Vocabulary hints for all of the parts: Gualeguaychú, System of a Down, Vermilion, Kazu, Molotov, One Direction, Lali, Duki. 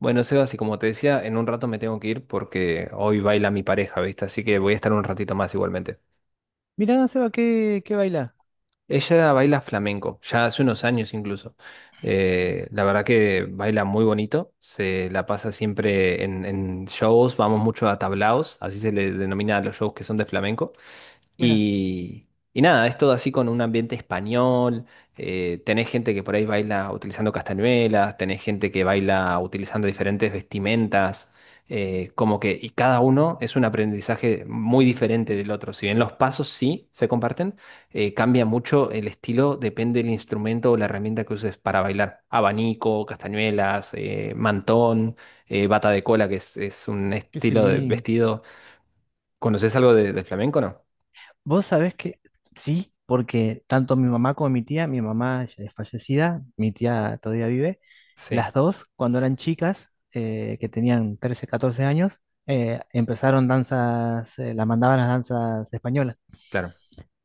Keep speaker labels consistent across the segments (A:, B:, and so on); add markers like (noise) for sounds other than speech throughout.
A: Bueno, Sebas, y como te decía, en un rato me tengo que ir porque hoy baila mi pareja, ¿viste? Así que voy a estar un ratito más igualmente.
B: Mirá, Seba, que baila.
A: Ella baila flamenco, ya hace unos años incluso. La verdad que baila muy bonito, se la pasa siempre en shows, vamos mucho a tablaos, así se le denomina a los shows que son de flamenco.
B: Mira
A: Y, y nada, es todo así con un ambiente español, tenés gente que por ahí baila utilizando castañuelas, tenés gente que baila utilizando diferentes vestimentas, y cada uno es un aprendizaje muy diferente del otro, si bien los pasos sí se comparten. Cambia mucho el estilo, depende del instrumento o la herramienta que uses para bailar. Abanico, castañuelas, mantón, bata de cola, que es un
B: que
A: estilo de
B: sí.
A: vestido. ¿Conoces algo del flamenco, no?
B: Vos sabés que sí, porque tanto mi mamá como mi tía, mi mamá ya es fallecida, mi tía todavía vive,
A: Sí,
B: las dos, cuando eran chicas, que tenían 13 14 años, empezaron danzas, las mandaban a las danzas españolas,
A: claro.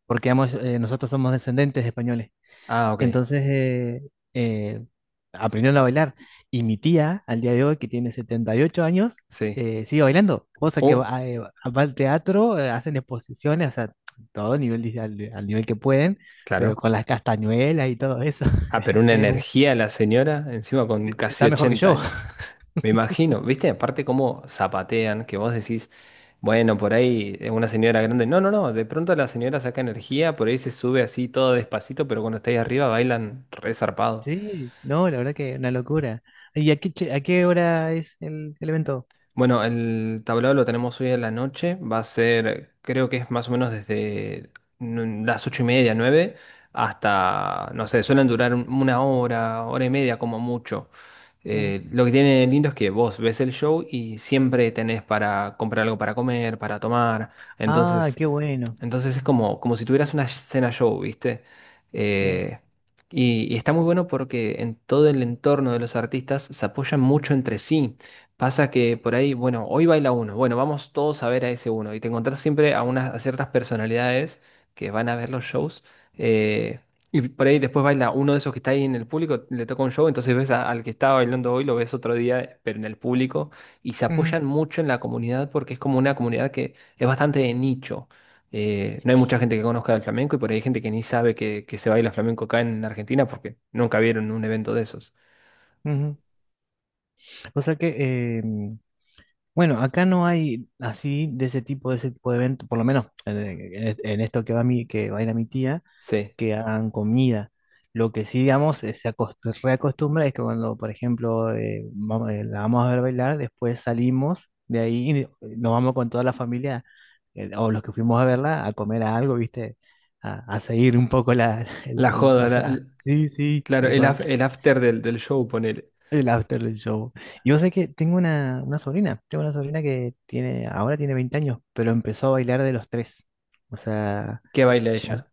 B: porque ambos, nosotros somos descendientes de españoles.
A: Ah, ok,
B: Entonces eh, aprendieron a bailar. Y mi tía, al día de hoy, que tiene 78 años,
A: sí.
B: sigue bailando. Cosa que
A: Uh,
B: va, va al teatro, hacen exposiciones, o sea, todo nivel, dice, al, al nivel que pueden, pero
A: claro.
B: con las castañuelas y todo eso.
A: Ah,
B: (laughs)
A: pero una
B: Eh,
A: energía la señora, encima con casi
B: está mejor que
A: 80
B: yo.
A: años.
B: (laughs)
A: Me imagino, ¿viste? Aparte cómo zapatean, que vos decís, bueno, por ahí es una señora grande. No, no, no, de pronto la señora saca energía, por ahí se sube así todo despacito, pero cuando está ahí arriba bailan re zarpado.
B: Sí, no, la verdad que una locura. ¿Y a qué, a qué hora es el evento?
A: Bueno, el tablado lo tenemos hoy en la noche. Va a ser, creo que es más o menos desde las 8:30, 9:00, hasta, no sé, suelen durar una hora, hora y media como mucho.
B: Mm.
A: Lo que tiene lindo es que vos ves el show y siempre tenés para comprar algo para comer, para tomar.
B: Ah,
A: Entonces,
B: qué bueno.
A: entonces es como si tuvieras una cena show, ¿viste?
B: Sí.
A: Eh, y está muy bueno porque en todo el entorno de los artistas se apoyan mucho entre sí. Pasa que por ahí, bueno, hoy baila uno, bueno, vamos todos a ver a ese uno y te encontrás siempre a ciertas personalidades que van a ver los shows. eh, y por ahí después baila uno de esos que está ahí en el público, le toca un show, entonces ves al que estaba bailando hoy, lo ves otro día, pero en el público, y se
B: Ujú,
A: apoyan mucho en la comunidad porque es como una comunidad que es bastante de nicho. No hay mucha gente que conozca el flamenco y por ahí hay gente que ni sabe que se baila flamenco acá en Argentina porque nunca vieron un evento de esos.
B: ujú. O sea que eh, bueno, acá no hay así de ese tipo, de ese tipo de evento, por lo menos en, en esto que va mi, que va a ir a mi tía,
A: Sí.
B: que hagan comida. Lo que sí, digamos, reacostumbra es que cuando, por ejemplo, vamos, la vamos a ver bailar, después salimos de ahí y nos vamos con toda la familia, o los que fuimos a verla, a comer algo, ¿viste? A seguir un poco la, (laughs)
A: La joda,
B: sí, sí,
A: claro,
B: tal cual.
A: el after del show, ponele.
B: El after del show. Y vos sabés que tengo una sobrina, tengo una sobrina que tiene, ahora tiene 20 años, pero empezó a bailar de los tres. O sea,
A: ¿Qué baila
B: ya
A: ella?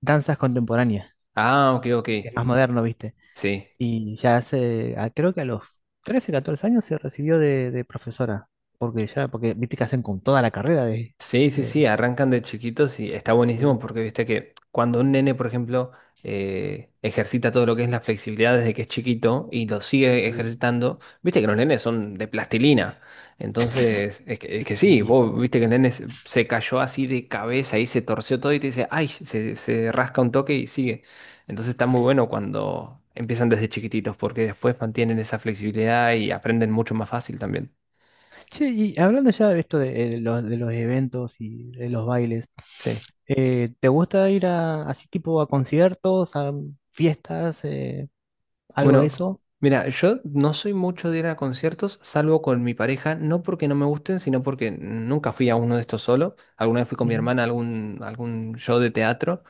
B: danzas contemporáneas,
A: Ah, ok, ok.
B: que es más moderno, ¿viste?
A: Sí.
B: Y ya hace, creo que a los 13 14 años se recibió de profesora, porque ya, porque viste que hacen con toda la carrera
A: Sí, sí, sí,
B: de,
A: arrancan de chiquitos y está buenísimo
B: de-
A: porque viste que cuando un nene, por ejemplo, ejercita todo lo que es la flexibilidad desde que es chiquito y lo sigue
B: de-
A: ejercitando, viste que los nenes son de plastilina. Entonces, es que sí,
B: sí.
A: vos viste que el nene se cayó así de cabeza y se torció todo y te dice, ay, se rasca un toque y sigue. Entonces está muy bueno cuando empiezan desde chiquititos porque después mantienen esa flexibilidad y aprenden mucho más fácil también.
B: Che, y hablando ya de esto de, los, de los eventos y de los bailes,
A: Sí.
B: ¿te gusta ir a así tipo a conciertos, a fiestas, algo de
A: Bueno,
B: eso?
A: mira, yo no soy mucho de ir a conciertos, salvo con mi pareja, no porque no me gusten, sino porque nunca fui a uno de estos solo. Alguna vez fui con mi
B: Ujú,
A: hermana a algún, algún show de teatro,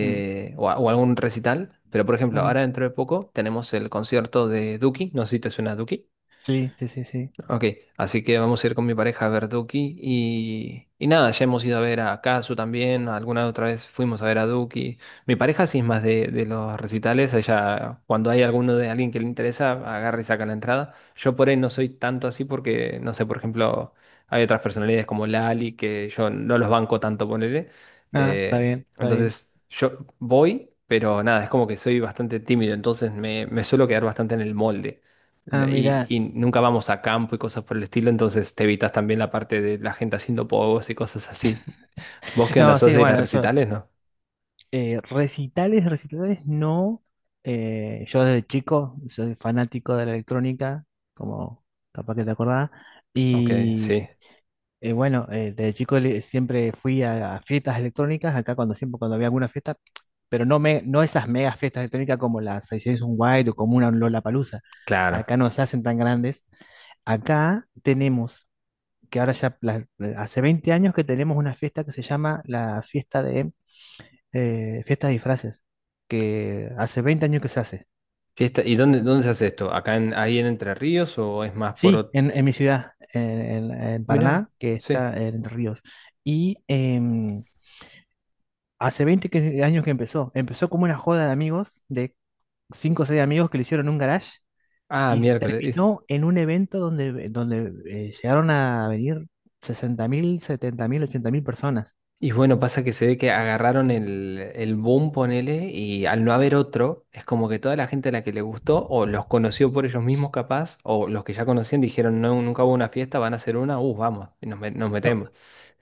B: mm,
A: o, o algún recital. Pero, por ejemplo,
B: ujú.
A: ahora dentro de poco tenemos el concierto de Duki, no sé si te suena Duki.
B: Sí, sí, sí, sí.
A: Ok, así que vamos a ir con mi pareja a ver Duki y nada, ya hemos ido a ver a Kazu también, alguna otra vez fuimos a ver a Duki. Mi pareja sí es más de los recitales, ella cuando hay alguno de alguien que le interesa, agarra y saca la entrada. Yo por ahí no soy tanto así porque, no sé, por ejemplo, hay otras personalidades como Lali que yo no los banco tanto, ponele.
B: Ah, está bien, está bien.
A: Entonces yo voy, pero nada, es como que soy bastante tímido, entonces me suelo quedar bastante en el molde.
B: Ah,
A: Y,
B: mira.
A: y nunca vamos a campo y cosas por el estilo, entonces te evitas también la parte de la gente haciendo pogos y cosas así. ¿Vos qué
B: No,
A: andás? ¿Sos
B: sí,
A: de ir a
B: bueno, esto,
A: recitales, no?
B: recitales, recitales, no. Yo desde chico soy fanático de la electrónica, como capaz que te acordás,
A: Ok, sí,
B: y bueno, de chico siempre fui a fiestas electrónicas, acá cuando siempre cuando había alguna fiesta, pero no, me, no esas mega fiestas electrónicas como las 600 wild o como una Lollapalooza.
A: claro.
B: Acá no se hacen tan grandes. Acá tenemos, que ahora hace 20 años que tenemos una fiesta que se llama la fiesta de disfraces, que hace 20 años que se hace.
A: Fiesta, ¿y dónde, dónde se hace esto? ¿ Ahí en Entre Ríos o es más por
B: Sí,
A: otro?
B: en mi ciudad, en, en
A: Mirá,
B: Paraná, que
A: sí.
B: está en Entre Ríos. Y em, Hace años que empezó. Empezó como una joda de amigos, de 5 o 6 amigos que le hicieron un garage
A: Ah,
B: y
A: miércoles.
B: terminó en un evento donde, donde llegaron a venir 60.000, 70.000, 80.000 personas.
A: Y bueno, pasa que se ve que agarraron el boom, ponele, y al no haber otro, es como que toda la gente a la que le gustó, o los conoció por ellos mismos capaz, o los que ya conocían dijeron, no, nunca hubo una fiesta, van a hacer una, vamos, y nos
B: No,
A: metemos.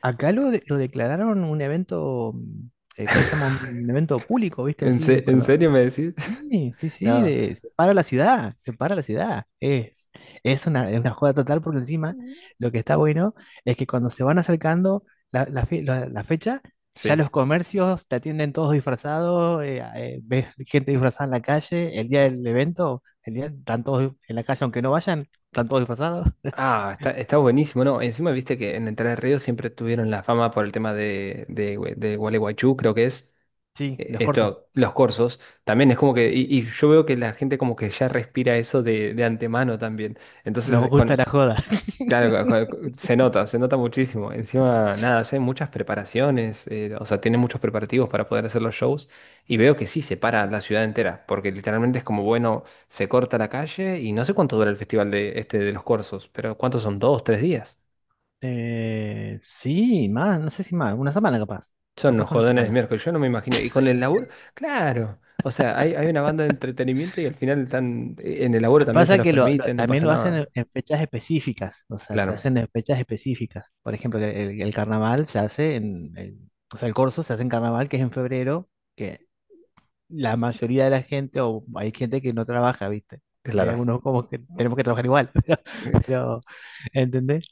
B: acá lo declararon un evento, ¿cómo se llama? Un evento público, ¿viste?
A: ¿En,
B: Así,
A: se- En
B: cuando
A: serio me decís? (laughs)
B: sí, sí, sí,
A: No,
B: separa la ciudad, separa la ciudad. Es una joda total porque encima lo que está bueno es que cuando se van acercando la, la fecha, ya
A: sí.
B: los comercios te atienden todos disfrazados, ves gente disfrazada en la calle, el día del evento, el día están todos en la calle aunque no vayan, están todos disfrazados.
A: Ah, está buenísimo, ¿no? Encima viste que en Entre Ríos siempre tuvieron la fama por el tema de Gualeguaychú, creo que es.
B: Sí, los corsos,
A: Los corsos, también es como que, y yo veo que la gente como que ya respira eso de antemano también.
B: nos
A: Entonces,
B: gusta la joda. (laughs)
A: claro, se nota muchísimo. Encima, nada, hacen muchas preparaciones, o sea, tienen muchos preparativos para poder hacer los shows, y veo que sí se para la ciudad entera, porque literalmente es como, bueno, se corta la calle, y no sé cuánto dura el festival de, este, de los corsos, pero ¿cuántos son? ¿2, 3 días?
B: Sí, más, no sé si más, una semana capaz,
A: Son
B: capaz
A: los
B: que una
A: jodones de
B: semana.
A: miércoles, yo no me imagino. Y con el laburo, claro. O sea, hay una banda de entretenimiento y al final están, en el laburo también se
B: Pasa
A: los
B: que
A: permiten, no
B: también
A: pasa
B: lo hacen
A: nada.
B: en fechas específicas, o sea, se
A: Claro,
B: hacen en fechas específicas. Por ejemplo, el carnaval se hace en, o sea, el corso se hace en carnaval, que es en febrero, que la mayoría de la gente, o hay gente que no trabaja, ¿viste? Hay
A: claro.
B: algunos como que tenemos que trabajar igual, (laughs)
A: (laughs)
B: pero ¿entendés?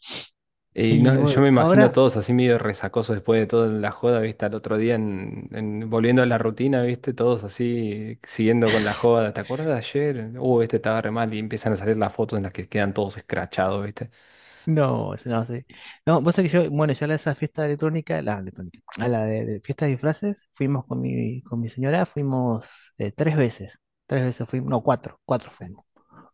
A: Y
B: Y
A: no,
B: bueno,
A: yo me imagino a
B: ahora,
A: todos así medio resacosos después de toda la joda, ¿viste? Al otro día volviendo a la rutina, ¿viste? Todos así siguiendo con la joda. ¿Te acuerdas de ayer? Este estaba re mal y empiezan a salir las fotos en las que quedan todos escrachados, ¿viste?
B: no, eso no sé. No, vos sabés que yo, bueno, ya a esa fiesta electrónica, la electrónica, a la de fiesta de disfraces, fuimos con mi señora, fuimos tres veces fuimos, no, cuatro, cuatro fuimos.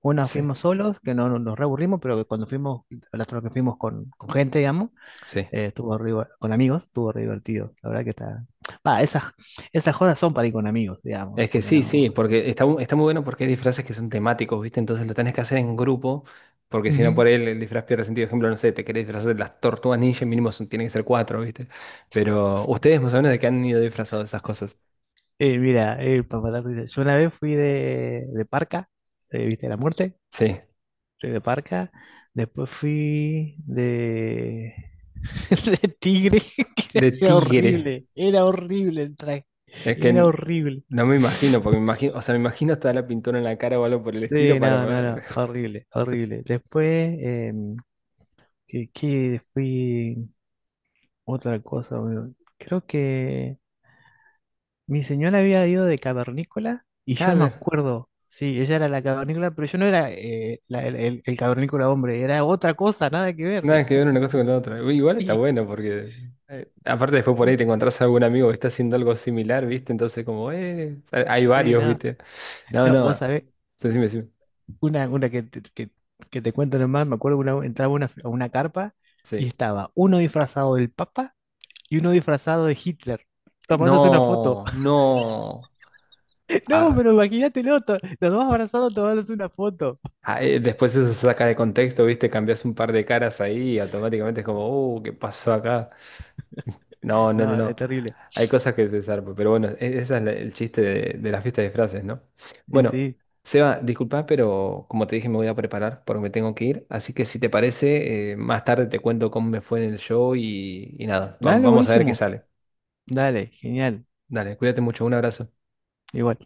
B: Una
A: Sí,
B: fuimos solos, que no, nos reaburrimos, pero que cuando fuimos, la otra que fuimos con gente, digamos,
A: sí.
B: con amigos, estuvo re divertido. La verdad que está. Va, esas, esas jodas son para ir con amigos, digamos,
A: Es que
B: porque
A: sí,
B: no.
A: sí, porque está muy bueno porque hay disfraces que son temáticos, ¿viste? Entonces lo tenés que hacer en grupo, porque si no por
B: Ujú.
A: él el disfraz pierde sentido. Por ejemplo, no sé, te querés disfrazar de las tortugas ninja, mínimo tienen que ser cuatro, ¿viste? Pero ustedes más o menos de qué han ido disfrazados de esas cosas.
B: Mira, para matar risa, yo una vez fui de Parca, ¿viste? La muerte.
A: Sí,
B: Fui de Parca. Después fui de, (laughs) de Tigre.
A: de
B: (laughs) Era
A: tigre.
B: horrible. Era horrible el traje.
A: Es que
B: Era horrible.
A: no me imagino, porque me imagino, o sea, me imagino hasta la pintura en la cara o algo por el estilo
B: Sí,
A: para...
B: no, no,
A: (laughs)
B: no. Horrible, horrible. Después, que fui otra cosa, boludo. Creo que mi señora había ido de cavernícola y yo no me
A: Cabe.
B: acuerdo. Sí, ella era la cavernícola, pero yo no era el cavernícola hombre. Era otra cosa, nada que
A: Nada
B: ver.
A: que ver
B: (laughs)
A: una cosa con la otra. Uy, igual está
B: Sí,
A: bueno porque aparte después por ahí
B: sí,
A: te encontrás a algún amigo que está haciendo algo similar, ¿viste? Entonces hay
B: sí,
A: varios,
B: nada.
A: ¿viste? No,
B: No, vos
A: no.
B: sabés.
A: Decime, decime.
B: Una que, que te cuento nomás, me acuerdo una, entraba una, a una carpa y
A: Sí.
B: estaba uno disfrazado del Papa y uno disfrazado de Hitler, tomándose una foto.
A: No,
B: (laughs)
A: no.
B: No,
A: Ah,
B: pero imagínatelo, los dos abrazados tomándose una foto.
A: ah, después eso se saca de contexto, ¿viste? Cambias un par de caras ahí y automáticamente es como, ¿qué pasó acá? No, no, no,
B: No,
A: no.
B: es terrible.
A: Hay cosas que se zarpan, pero bueno, ese es el chiste de la fiesta de disfraces, ¿no?
B: Y
A: Bueno,
B: sí,
A: Seba, disculpa, pero como te dije, me voy a preparar porque me tengo que ir. Así que si te parece, más tarde te cuento cómo me fue en el show y nada, va-
B: dale,
A: vamos a ver qué
B: buenísimo.
A: sale.
B: Dale, genial.
A: Dale, cuídate mucho, un abrazo.
B: Igual.